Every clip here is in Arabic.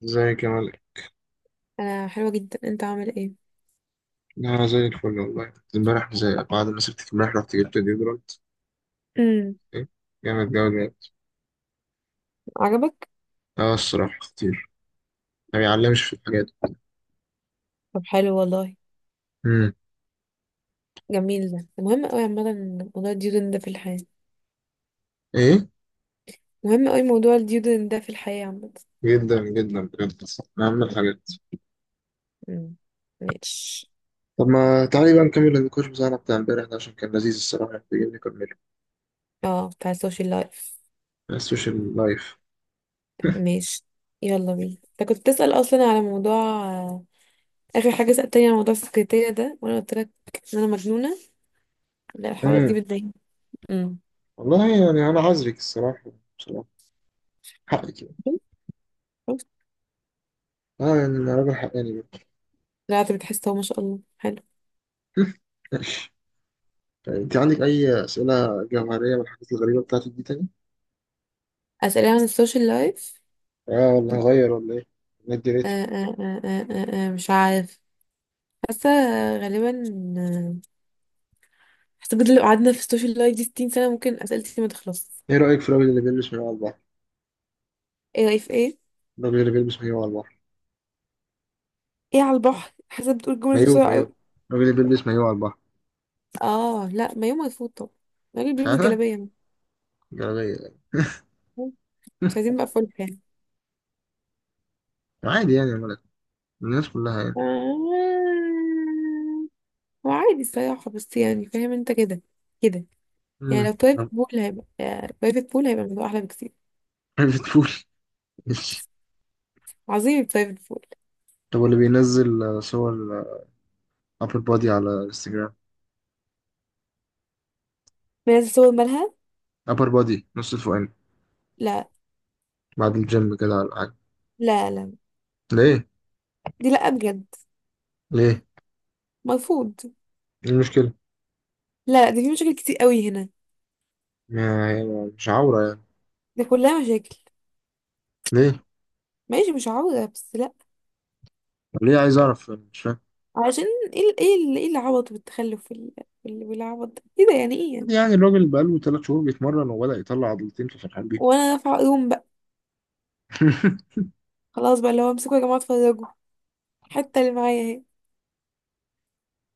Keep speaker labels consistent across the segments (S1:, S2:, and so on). S1: زي كمال.
S2: انا حلوه جدا، انت عامل ايه؟
S1: انا زي الفل والله، امبارح، زي بعد ما سبتك امبارح رحت جبت ديودرنت.
S2: امم
S1: ايه، جامد جامد جامد.
S2: عجبك؟
S1: اه الصراحه خطير، ما بيعلمش في الحاجات دي.
S2: طب حلو والله.
S1: امم.
S2: جميل، ده مهم قوي عامه. موضوع الديودن ده في الحياه
S1: ايه،
S2: مهم قوي. موضوع الديودن ده في الحياه عامه.
S1: جدا جدا بجد، من اهم الحاجات.
S2: امم ماشي.
S1: طب ما تعالي بقى نكمل النقاش بتاعنا بتاع امبارح ده عشان كان لذيذ الصراحه، محتاجين نكمله.
S2: اه، بتاع السوشيال لايف.
S1: السوشيال لايف.
S2: ماشي، يلا بينا. انت كنت بتسأل اصلا على موضوع. آه، اخر حاجه سألتني على موضوع السكرتيرة ده، وانا قلت لك ان انا مجنونه. لا، الحوارات دي
S1: امم.
S2: بتضايقني. امم
S1: والله يعني انا عذرك الصراحه، بصراحه حقك يعني.
S2: شفت؟
S1: اه يعني انا راجل حقاني برضه.
S2: لا، انت بتحس، اهو ما شاء الله حلو.
S1: ماشي. طيب انت عندك اي اسئله جوهريه من الحاجات الغريبه بتاعتك دي تاني؟
S2: اسئله عن السوشيال لايف.
S1: اه والله، غير ولا ايه؟ ندي ريتي.
S2: مش عارف. حاسه، غالبا. حاسه بجد لو قعدنا في السوشيال لايف دي 60 سنه ممكن اسئلتي ما تخلص.
S1: ايه رأيك في الراجل اللي بيلبس مايو على البحر؟
S2: ايه رايك في ايه؟
S1: الراجل اللي بيلبس مايو على البحر.
S2: ايه على البحر؟ حاسه بتقول الجمله دي
S1: مايو
S2: بسرعه قوي.
S1: مايو، الراجل اللي بيلبس مايو على البحر.
S2: اه لا، ما يوم ما يفوت طبعا. الراجل
S1: مش
S2: بيلبس
S1: عارفة.
S2: جلابيه.
S1: جلابية يعني؟
S2: مش عايزين بقى فول يعني.
S1: عادي يعني يا ملك، الناس كلها يعني.
S2: آه، هو عادي الصراحه، بس يعني فاهم انت كده كده يعني.
S1: امم.
S2: لو برايفت
S1: طب.
S2: بول هيبقى، برايفت بول هيبقى الموضوع احلى بكتير.
S1: بتقول ماشي.
S2: عظيم البرايفت بول.
S1: طب اللي بينزل صور ابر بادي على انستجرام.
S2: منزل صور، مالها؟
S1: ابر بادي نص الفوقاني،
S2: لا
S1: بعد الجيم كده ولا حاجة؟
S2: لا. لا
S1: ليه؟
S2: دي لا بجد،
S1: ليه؟
S2: مرفوض.
S1: ايه المشكلة؟
S2: لا لا، دي في مشاكل كتير قوي هنا.
S1: ما هي مش عورة يعني.
S2: ده كلها مشاكل.
S1: ليه؟
S2: ماشي، مش عوضة، بس لا.
S1: ليه عايز اعرف، مش فاهم.
S2: علشان ايه العبط والتخلف والعبط ده؟ ايه ده يعني؟ ايه يعني؟
S1: يعني الراجل بقاله 3 شهور بيتمرن وبدأ يطلع عضلتين ففرحان بيه.
S2: وانا دافعة يوم بقى. خلاص بقى، اللي هو امسكوا يا جماعة اتفرجوا. حتى اللي معايا اهي.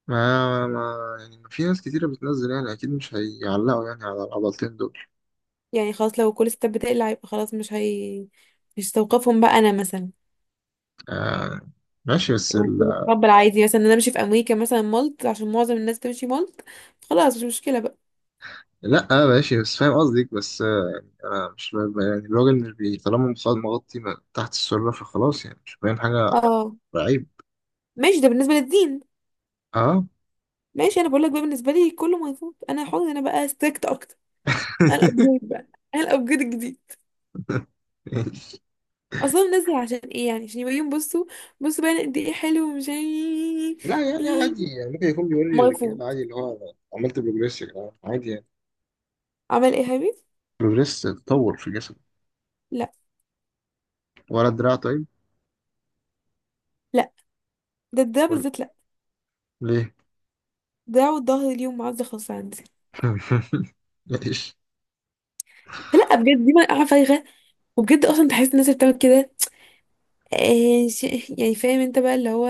S1: ما يعني في ناس كتيرة بتنزل يعني، أكيد مش هيعلقوا يعني على العضلتين دول.
S2: يعني خلاص، لو كل ستات بتقلع يبقى خلاص مش هي، مش هستوقفهم بقى انا مثلا.
S1: آه، ماشي بس
S2: المفروض اتقبل عادي مثلا، ان انا امشي في امريكا مثلا مالت عشان معظم الناس بتمشي مالت. خلاص مش مشكلة بقى.
S1: لأ ماشي، بس فاهم قصدك، بس يعني أنا مش ب- يعني الراجل مش بي طالما مغطي تحت السرة فخلاص يعني مش باين حاجة،
S2: اه
S1: عيب.
S2: ماشي، ده بالنسبة للدين.
S1: أه.
S2: ماشي، انا بقول لك بقى بالنسبة لي كله مرفوض. انا حر، انا بقى ستريكت اكتر. انا الابجريد بقى، انا الابجريد الجديد. اصلا منزل عشان ايه يعني؟ عشان يبين. بصوا، بصوا بقى أنا قد ايه حلو، ومش عارف
S1: لا يعني
S2: إيه.
S1: عادي يعني، ممكن يكون بيوري
S2: مرفوض.
S1: الرجالة عادي اللي هو أنا عملت بروجريس يا جدعان عادي يعني.
S2: عمل ايه يا حبيبي؟
S1: بروجريس تطور في جسمك.
S2: لا
S1: ولا دراع طيب؟
S2: لا، ده ده
S1: ولا...
S2: بالذات لا.
S1: ليه؟
S2: ده والظهر اليوم معز خالص عندي.
S1: ليش؟
S2: لا بجد، دي مرقعة فايغة. وبجد اصلا بحس الناس اللي بتعمل كده، آه، ش- يعني فاهم انت بقى، اللي هو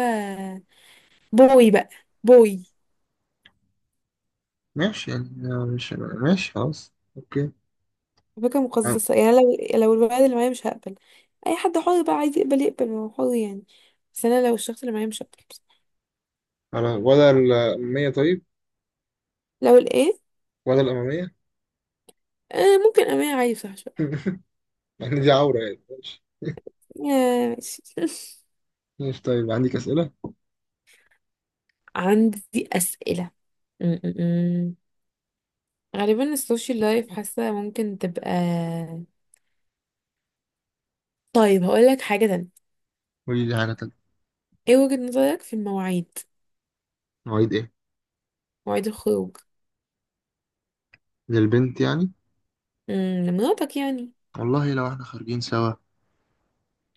S2: بوي بقى، بوي.
S1: ماشي يعني مش ماشي خلاص، اوكي.
S2: فكرة
S1: عم-
S2: مقززة يعني. لو الولد اللي معايا، مش هقبل. اي حد حر بقى، عايز يقبل يقبل، ما هو حر يعني. بس انا لو الشخص اللي معايا مش هقبل.
S1: على ولا الأمامية طيب؟
S2: لو الايه؟
S1: ولا الأمامية.
S2: آه، ممكن امانة عادي، صح.
S1: يعني دي عورة يعني، ماشي.
S2: يا ماشي
S1: ماشي طيب، عندك أسئلة.
S2: عندي أسئلة. م- م- م. غالبا السوشيال لايف حاسة ممكن تبقى. طيب، هقول لك حاجة تانية.
S1: قولي لي حاجة تانية.
S2: ايه وجهة نظرك في المواعيد؟
S1: مواعيد إيه؟
S2: مواعيد الخروج.
S1: للبنت يعني؟
S2: م، لمراتك يعني.
S1: والله لو إحنا خارجين سوا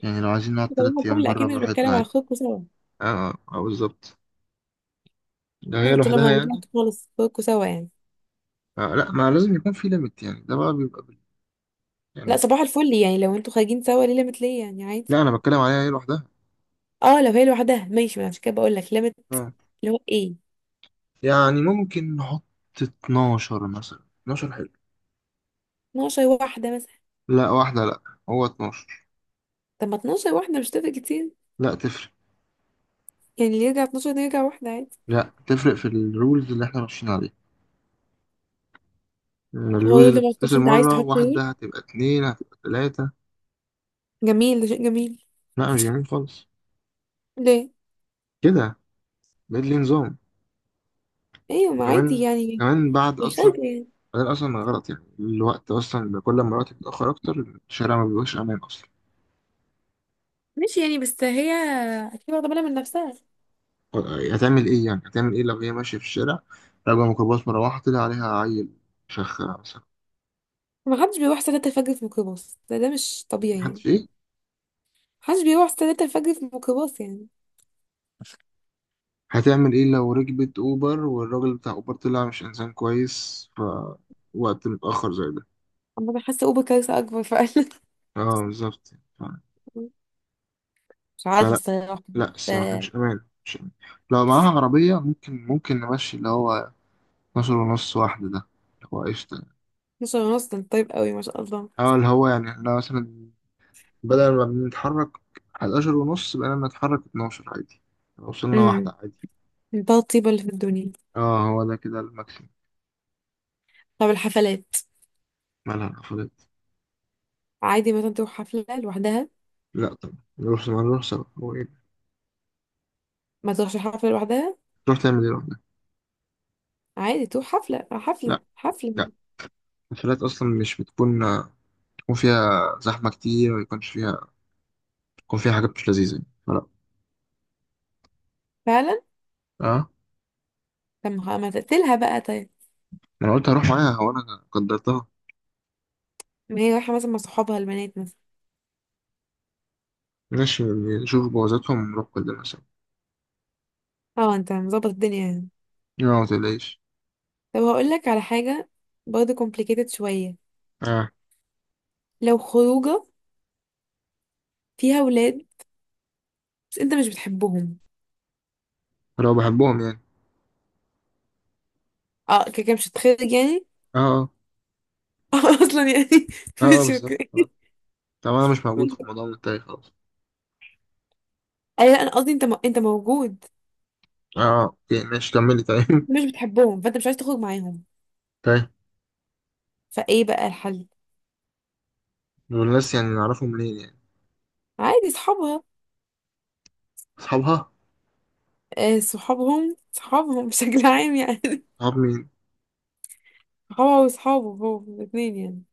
S1: يعني، لو عايزين نقعد
S2: طبعا
S1: 3 أيام
S2: الفل،
S1: بره
S2: أكيد مش
S1: براحتنا
S2: بتكلم على
S1: عادي.
S2: خروجكوا سوا.
S1: أه أه بالظبط، لو هي
S2: قصدي لما
S1: لوحدها يعني.
S2: رجعت خالص، خروجكوا سوا يعني.
S1: أه لا، ما لازم يكون في ليميت يعني، ده بقى بيبقى
S2: لا
S1: يعني،
S2: صباح الفل، يعني لو انتوا خارجين سوا ليه ليميت؟ ليه يعني؟ عادي.
S1: لا أنا بتكلم عليها هي لوحدها.
S2: اه، لو هي لوحدها ماشي. ما أنا عشان كده بقول لك ليميت.
S1: أه
S2: اللي هو ايه؟
S1: يعني ممكن نحط 12 مثلا، 12 حلو.
S2: 12 واحدة مثلا.
S1: لا واحدة لا، هو 12.
S2: طب ما 12 واحدة مش تفرق كتير
S1: لا تفرق،
S2: يعني. اللي يرجع 12 ده يرجع واحدة عادي.
S1: لا تفرق في الرولز اللي احنا ماشيين عليها، إن
S2: هو
S1: الرولز
S2: لون
S1: اللي
S2: دمشق
S1: بتتكسر
S2: انت عايز
S1: مرة
S2: تحط لون؟
S1: واحدة هتبقى اتنين هتبقى تلاتة.
S2: جميل، ده شيء جميل.
S1: لا مش جميل خالص.
S2: ليه؟
S1: كده بقيت ليه نظام.
S2: ايوه، ما عادي
S1: وكمان
S2: يعني،
S1: وكمان بعد
S2: يخلق
S1: أصلا،
S2: يعني.
S1: بعدين أصلا غلط يعني الوقت، أصلا كل ما الوقت بيتأخر أكتر الشارع ما بيبقاش أمان أصلا.
S2: ماشي يعني، بس هي اكيد واخده بالها من نفسها.
S1: هتعمل إيه يعني؟ هتعمل إيه لو هي ماشية في الشارع، راكبة ميكروباص مروحة طلع عليها عيل شخة مثلا؟
S2: ما حدش بيروح الساعة 3 الفجر في ميكروباص ده، ده مش طبيعي يعني. ما
S1: محدش إيه؟
S2: حدش بيروح الساعة 3 الفجر في ميكروباص يعني.
S1: هتعمل إيه لو ركبت أوبر والراجل بتاع أوبر طلع مش إنسان كويس ف وقت متأخر زي ده؟
S2: اما انا حاسة اوبر كارثة اكبر فعلا
S1: اه بالظبط. ف-
S2: مش عارفة
S1: فلا،
S2: الصراحة.
S1: لا الصراحة
S2: بس
S1: مش أمان، مش أمان. لو معاها عربية ممكن، نمشي اللي هو 12 ونص واحدة ده، اللي هو قشطة.
S2: 12 ونص ده طيب قوي ما شاء الله.
S1: اه، اللي هو يعني احنا مثلا بدل ما بنتحرك 11 ونص بقينا نتحرك 12 عادي، لو وصلنا
S2: امم
S1: واحدة عادي.
S2: ده الطيبة اللي في الدنيا.
S1: اه هو ده كده الماكسيم.
S2: طب الحفلات؟
S1: مالها الحفلات؟
S2: عادي مثلا تروح حفلة لوحدها؟
S1: لا طبعا نروح، ما نروح سوا، هو ايه ده؟
S2: ما تروحش حفلة لوحدها.
S1: تروح تعمل ايه لوحدك؟
S2: عادي تروح حفلة حفلة
S1: لا، لا،
S2: حفلة.
S1: الحفلات أصلا مش بتكون، بتكون فيها زحمة كتير ويكونش فيها، يكون فيها حاجات مش لذيذة يعني، فلا.
S2: فعلا.
S1: اه.
S2: طب ما ما تقتلها بقى طيب.
S1: انا قلت هروح معاها وانا قدرتها.
S2: ما هي رايحة مثلا مع صحابها البنات مثلا.
S1: ماشي يعني، شوف بوظتهم نروح كلنا سوا.
S2: اه، انت مظبط الدنيا يعني.
S1: لا ما تقلقش.
S2: طب هقول لك على حاجة، برضه complicated شوية.
S1: اه.
S2: لو خروجة فيها ولاد، بس انت مش بتحبهم.
S1: لو بحبهم يعني؟
S2: اه، كده كده مش هتخرج يعني.
S1: اه اه.
S2: اه، اصلا يعني.
S1: اه
S2: مش
S1: بالظبط
S2: اوكي.
S1: خلاص. طب انا مش موجود في الموضوع، منتهي خلاص.
S2: اي لا، انا قصدي انت م... انت موجود.
S1: اه اوكي ماشي، كملي طيب.
S2: انت مش بتحبهم، فانت مش عايز تخرج معاهم.
S1: طيب.
S2: فايه بقى الحل؟
S1: والناس يعني نعرفهم منين يعني؟
S2: عادي صحابها.
S1: اصحابها.
S2: آه، صحابهم صحابهم بشكل عام يعني.
S1: صحاب مين؟
S2: صحابها وصحابه هو الاثنين يعني.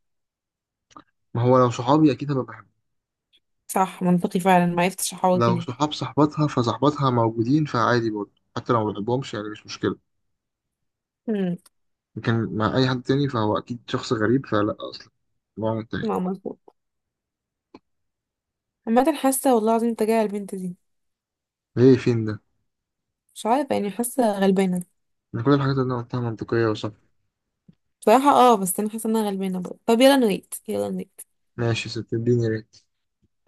S1: ما هو لو صحابي اكيد هبقى بحبهم.
S2: صح، منطقي فعلا، ما عرفتش احوط
S1: لو
S2: دي.
S1: صحاب صاحبتها فصاحبتها موجودين فعادي برضه، حتى لو ما بحبهمش يعني مش مشكلة.
S2: امم
S1: لكن مع أي حد تاني فهو أكيد شخص غريب، فلا أصلا، الموضوع منتهي.
S2: لا مظبوط. عامة، حاسة والله العظيم تجاه البنت دي.
S1: ليه فين ده؟
S2: مش عارفة يعني، حاسة غلبانة.
S1: إن كل الحاجات اللي أنا قلتها منطقية.
S2: بصراحة اه، بس انا حاسة ان انا غلبانة برضه. طب يلا نويت، يلا نويت.
S1: ماشي ستديني يا ريت.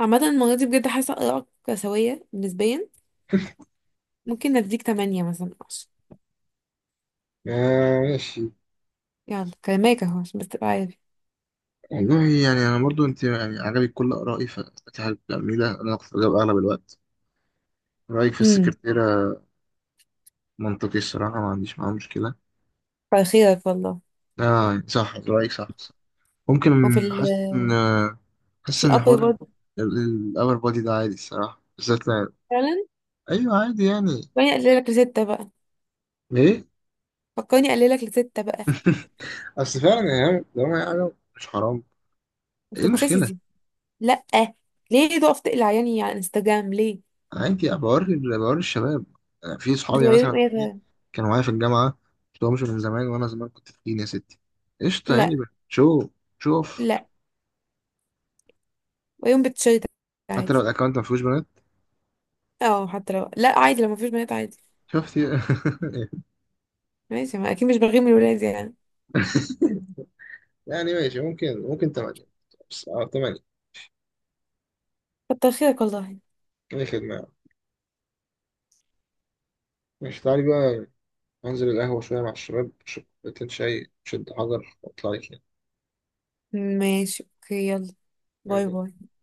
S2: عامة المرة دي بجد حاسة آرائك سوية نسبيا. ممكن نديك تمانية مثلا، عشرة.
S1: آه ماشي.
S2: يلا كلماك اهو عشان بس تبقى عارف.
S1: والله يعني انا برضو، انت يعني عجبك كل ارائي فانت حابب العميله، انا كنت بجاوب اغلب الوقت. رايك في
S2: امم
S1: السكرتيره منطقي الصراحه، ما عنديش معاه مشكله.
S2: كتر خيرك والله.
S1: اه صح، رايك صح، صح. ممكن
S2: وفي ال
S1: حاسس ان حاسس
S2: في
S1: ان
S2: الابر
S1: حوار
S2: برضه.
S1: الاور بودي ده عادي الصراحه، بالذات لو...
S2: فعلا.
S1: ايوه عادي يعني.
S2: فكرني اقللك لستة بقى.
S1: ليه؟
S2: فكرني اقللك لستة بقى.
S1: اصل فعلا يعني لو ما يعني مش حرام.
S2: مش
S1: ايه المشكله؟
S2: توكسيسيتي؟ لأ. ليه تقف تقلع عياني على انستجرام ليه؟
S1: عادي بوري بوري الشباب. في صحابي
S2: بتوريهم
S1: مثلا عندي
S2: ايه؟
S1: كانوا معايا في الجامعة، مشفتهمش من زمان، وأنا زمان كنت تخين يا ستي، قشطة يعني.
S2: لا
S1: شوف، شوف.
S2: لا، ويوم بتشيط.
S1: حتى لو
S2: عادي.
S1: الأكونت ما فيهوش بنات.
S2: اه حتى لو لا، عادي لو مفيش بنات عادي.
S1: شفت.
S2: ماشي، ما اكيد مش بغير من الولاد يعني.
S1: يعني ماشي ممكن، تمانية، بس اه تمانية.
S2: كتر خيرك والله.
S1: ايه خدمة يعني. ماشي تعالي بقى، انزل القهوة شوية مع الشباب، اشرب كوبايتين شاي شد حجر واطلع لك.
S2: ماشي اوكي، يلا. باي
S1: يعني
S2: باي.